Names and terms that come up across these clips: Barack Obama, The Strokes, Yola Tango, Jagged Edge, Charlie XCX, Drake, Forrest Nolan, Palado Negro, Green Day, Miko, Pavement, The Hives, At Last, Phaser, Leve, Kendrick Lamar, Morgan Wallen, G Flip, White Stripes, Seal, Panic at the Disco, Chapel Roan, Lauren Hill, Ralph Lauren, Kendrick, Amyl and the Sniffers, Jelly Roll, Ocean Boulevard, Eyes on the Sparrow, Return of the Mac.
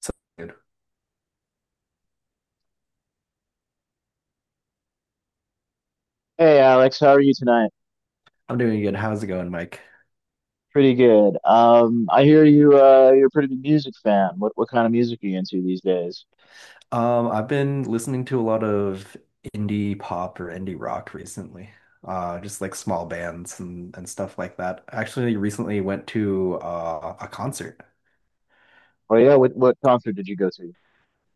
So good. Hey Alex, how are you tonight? I'm doing good. How's it going, Mike? Pretty good. I hear you. You're a pretty big music fan. What kind of music are you into these days? I've been listening to a lot of indie pop or indie rock recently. Just like small bands and stuff like that. I actually recently went to a concert. Oh yeah, what concert did you go to?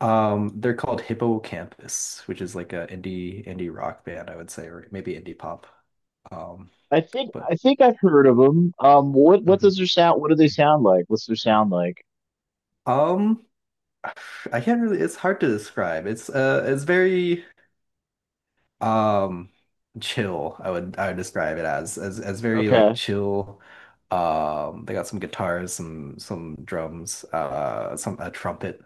They're called Hippocampus, which is like a indie rock band, I would say, or maybe indie pop. Um, I think but I think I've heard of them. What mhm. does their sound? What do they sound like? What's their sound like? Um, I can't really. It's hard to describe. It's very um chill. I would describe it as very like Okay, chill. They got some guitars, some drums, some a trumpet,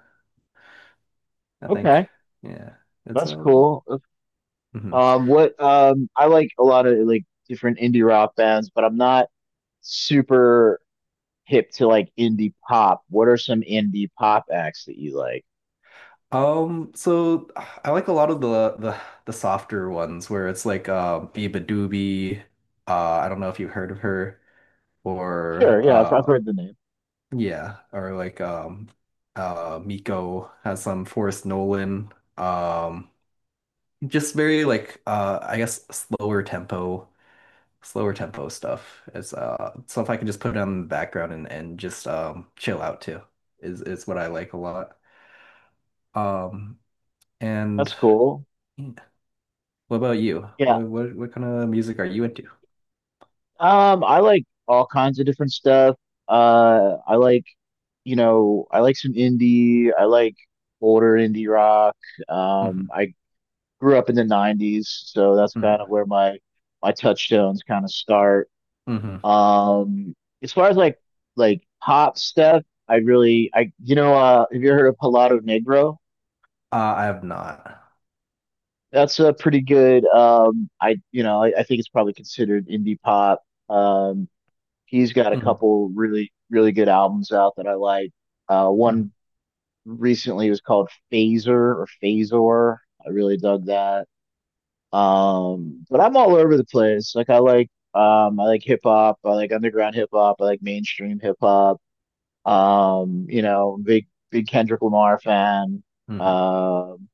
I think. okay, Yeah, it's that's cool. mhm. What I like a lot of like different indie rock bands, but I'm not super hip to like indie pop. What are some indie pop acts that you like? So I like a lot of the softer ones where it's like Biba Doobie, uh I don't know if you've heard of her, or Sure, yeah, I've heard the name. yeah, or like Miko has some Forrest Nolan. Um Just very like I guess slower tempo stuff is stuff I can just put on in the background and just chill out to is what I like a lot. Um and That's cool. yeah. What about you? Yeah. What kind of music are you into? I like all kinds of different stuff. I like, you know, I like some indie. I like older indie rock. Hmm. I grew up in the 90s, so that's kind of Hmm. where my touchstones kind of start. Hmm. Um, as far as like pop stuff, I you know, have you heard of Palado Negro? I have not. That's a pretty good I you know, I think it's probably considered indie pop. Um, he's got a Hmm. couple really good albums out that I like. One Hmm. recently was called Phaser or Phasor. I really dug that. But I'm all over the place. I like hip hop. I like underground hip hop. I like mainstream hip hop. You know, big Kendrick Lamar fan. Hmm. Um,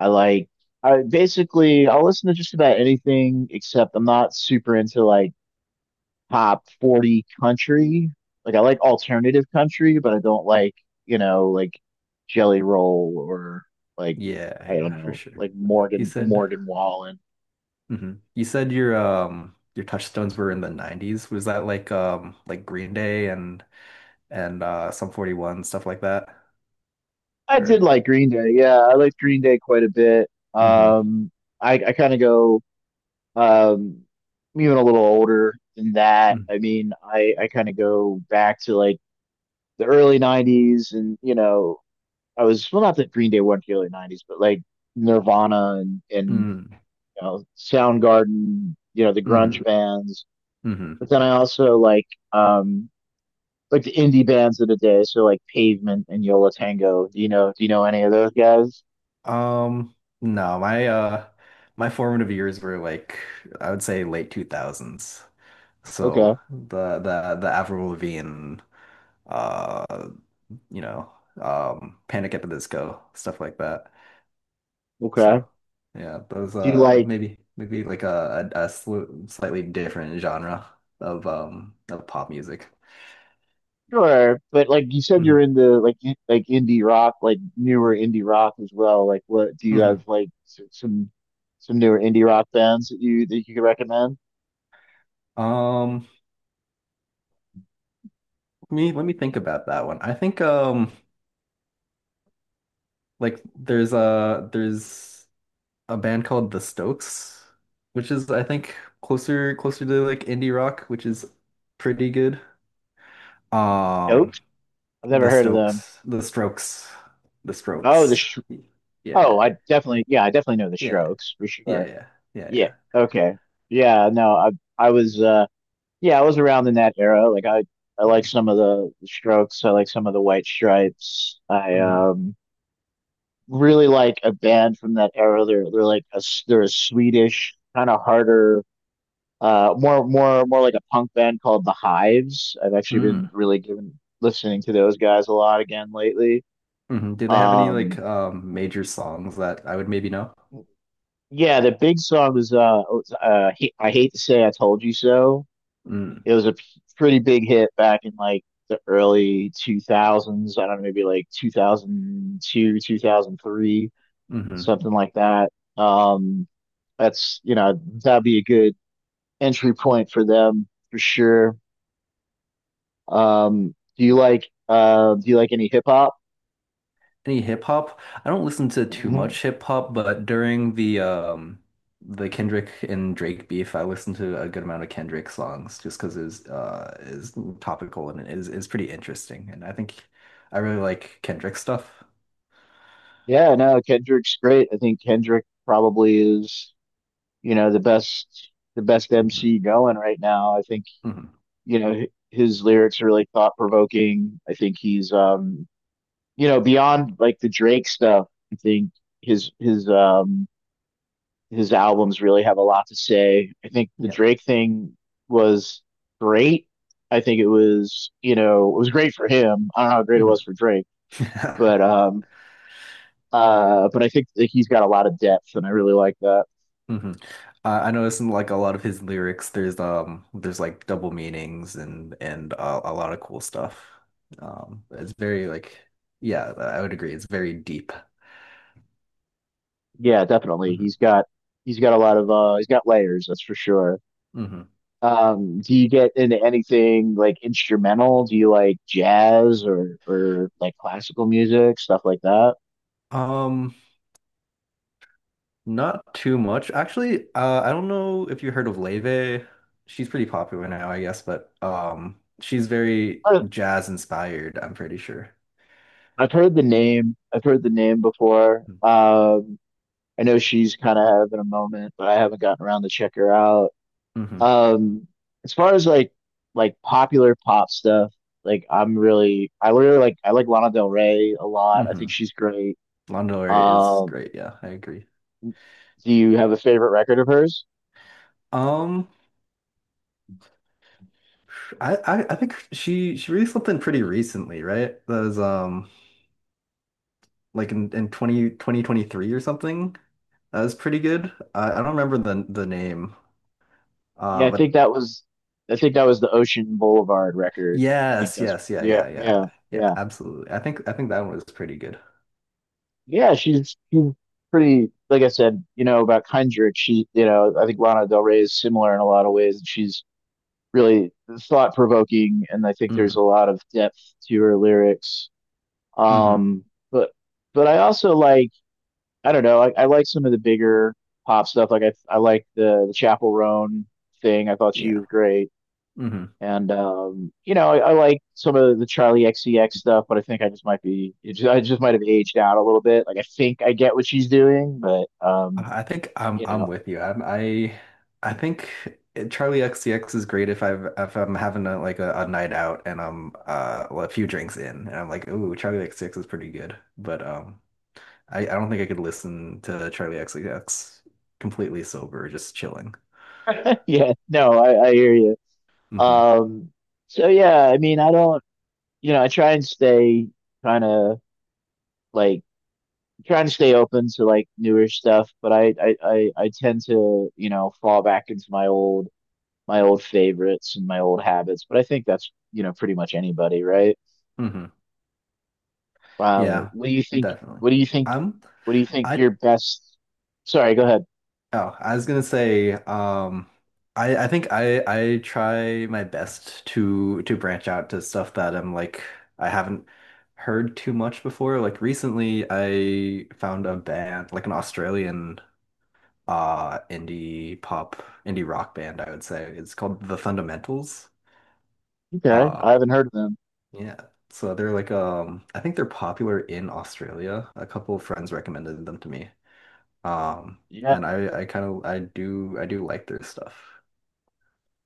I like. I basically I'll listen to just about anything except I'm not super into like top 40 country. Like I like alternative country, but I don't like, you know, like Jelly Roll or like Yeah, I don't yeah, for know, sure. like You Morgan said. Morgan Wallen. Hmm. You said your touchstones were in the 90s. Was that like Green Day and some 41 stuff like that, I did or. like Green Day. Yeah, I liked Green Day quite a bit. Mm-hmm. I kind of go um even a little older than that. Mm. I mean, I kind of go back to like the early 90s and, you know, I was well not that Green Day weren't the early 90s, but like Nirvana and Mm. you know, Soundgarden, you know, the grunge Mm-hmm. bands. Mm-hmm. But then I also um like the indie bands of the day, so like Pavement and Yola Tango. Do you know any of those guys? Um no, my formative years were like, I would say, late 2000s, Okay. so the Avril Lavigne, uh you know Panic at the Disco stuff like that, Okay. so yeah. Those Do you like maybe like slightly different genre of pop music. sure, but like you said you're Hmm. into like like indie rock, like newer indie rock as well. Like what do you have Hmm. like some newer indie rock bands that you could recommend? Um, me let me think about that one. I think like there's a band called The Stokes, which is, I think, closer to like indie rock, which is pretty good. Nope. Um I've never heard of them. The Strokes, The Oh, the Strokes. Sh- Yeah, yeah, oh, I definitely yeah, I definitely know the yeah, Strokes for yeah, sure. yeah, yeah, Yeah. yeah. Okay. Yeah. No, I was yeah, I was around in that era. I like Hmm. some of the Strokes. I like some of the White Stripes. I Hmm. Really like a band from that era. They're like a they're a Swedish kind of harder more like a punk band called The Hives. I've actually been Hmm. really given listening to those guys a lot again lately. Hmm. Do they have any like Um major songs that I would maybe know? yeah, the big song was I hate to say I told you so. Mm. It was a pretty big hit back in like the early 2000s. I don't know, maybe like 2002, 2003, Mm-hmm. something like that. Um, that's, you know, that'd be a good entry point for them for sure. Do you like any hip hop? Any hip hop. I don't listen to too Hmm much hip hop, but during the Kendrick and Drake beef, I listened to a good amount of Kendrick songs just because it's is topical and it is pretty interesting. And I think I really like Kendrick stuff. Yeah, no, Kendrick's great. I think Kendrick probably is, you know, the best Hmm. MC going right now. I think Hmm. you know his lyrics are really thought provoking. I think he's you know beyond like the Drake stuff. I think his his um his albums really have a lot to say. I think the Yeah. Drake thing was great. I think it was you know it was great for him. I don't know how great it Hmm. was for Drake, but um but I think that he's got a lot of depth, and I really like that. Hmm. I noticed in like a lot of his lyrics, there's like double meanings and a lot of cool stuff. It's very like, yeah, I would agree. It's very deep. Yeah, definitely. He's Hmm. got he's got a lot of he's got layers, that's for sure. Hmm. Do you get into anything like instrumental? Do you like jazz or like classical music, stuff like that? Um, not too much. Actually, I don't know if you heard of Leve. She's pretty popular now, I guess, but she's very I- jazz inspired, I'm pretty sure. I've heard the name. I've heard the name before. Hmm. I know she's kind of having a moment, but I haven't gotten around to check her out. Mm-hmm. Um, as far as like popular pop stuff, like I really like I like Lana Del Rey a lot. I Mm-hmm. think she's great. Lana Del Rey is Um, great. Yeah, I agree. do you have a favorite record of hers? Um, I think she released something pretty recently, right? That was like in 20 2023 or something. That was pretty good. I don't remember the name, Yeah, I think but. that was I think that was the Ocean Boulevard record. I think Yes, that's yes, yeah, yeah, yeah. Yeah, yeah. absolutely. I think that one was pretty good. Yeah, she's pretty like I said, you know, about Kindred, she you know, I think Lana Del Rey is similar in a lot of ways and she's really thought provoking and I think there's a Hmm. lot of depth to her lyrics. Hmm. Um but but I also like I don't know, I like some of the bigger pop stuff. Like I like the Chapel Roan thing. I thought she Yeah. was great. Hmm. And you know, I like some of the Charlie XCX stuff, but I think I just might be, it just, I just might have aged out a little bit. Like I think I get what she's doing, but I I think I'm you I'm know, with you. I think Charlie XCX is great if I've if I'm having a night out and I'm well, a few drinks in and I'm like, ooh, Charlie XCX is pretty good. But I don't think I could listen to Charlie XCX completely sober, just chilling. yeah, no, I hear you. Hmm. Um, so yeah, I mean, I don't, you know, I try and stay kind of like trying to stay open to like newer stuff, but I tend to, you know, fall back into my old favorites and my old habits. But I think that's, you know, pretty much anybody, right? Hmm. Yeah, What do you think? definitely. What do you think? Um, What do you think I your best? Sorry, go ahead. Oh, I was gonna say, I think I try my best to branch out to stuff that I'm like I haven't heard too much before. Like recently, I found a band, like an Australian indie pop, indie rock band, I would say. It's called The Fundamentals. Okay, I Uh, haven't heard of them. yeah. So they're like I think they're popular in Australia. A couple of friends recommended them to me. Um, Yeah. and I kind of, I do like their stuff.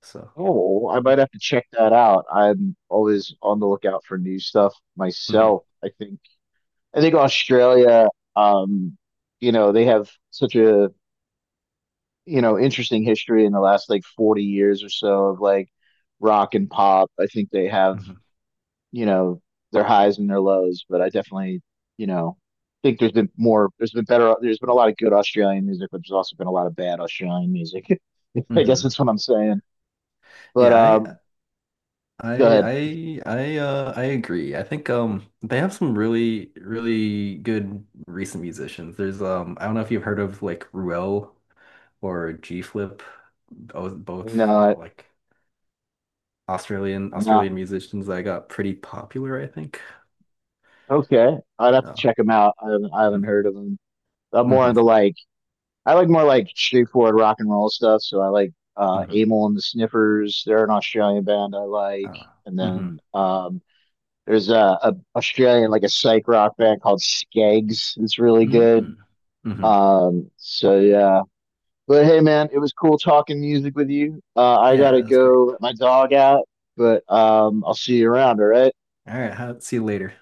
So. Oh, I might have to check that out. I'm always on the lookout for new stuff Mm-hmm. myself. I think Australia, um, you know, they have such a, you know, interesting history in the last like 40 years or so of like rock and pop. I think they have Hmm. you know, their highs and their lows, but I definitely, you know, think there's been better, there's been a lot of good Australian music, but there's also been a lot of bad Australian music. I guess Hmm. that's what I'm saying. But Yeah, I, go ahead. I, I, I, uh, I agree. I think they have some really, really good recent musicians. There's I don't know if you've heard of like Ruel or G Flip, both, No, both I- like Australian no. Australian musicians that got pretty popular, I think. Okay, I'd have to Oh. check them out. I haven't Hmm. heard of them. I'm more Mm-hmm. into like, I like more like straightforward rock and roll stuff. So I like Mm-hmm. Amyl and the Sniffers. They're an Australian band I like. uh, And mm-hmm. then there's a Australian like a psych rock band called Skegs. It's really good. Mm-hmm. Mm-hmm. So yeah. But hey man, it was cool talking music with you. I Yeah, gotta that's great. go let my dog out, but I'll see you around, all right? All right, see you later.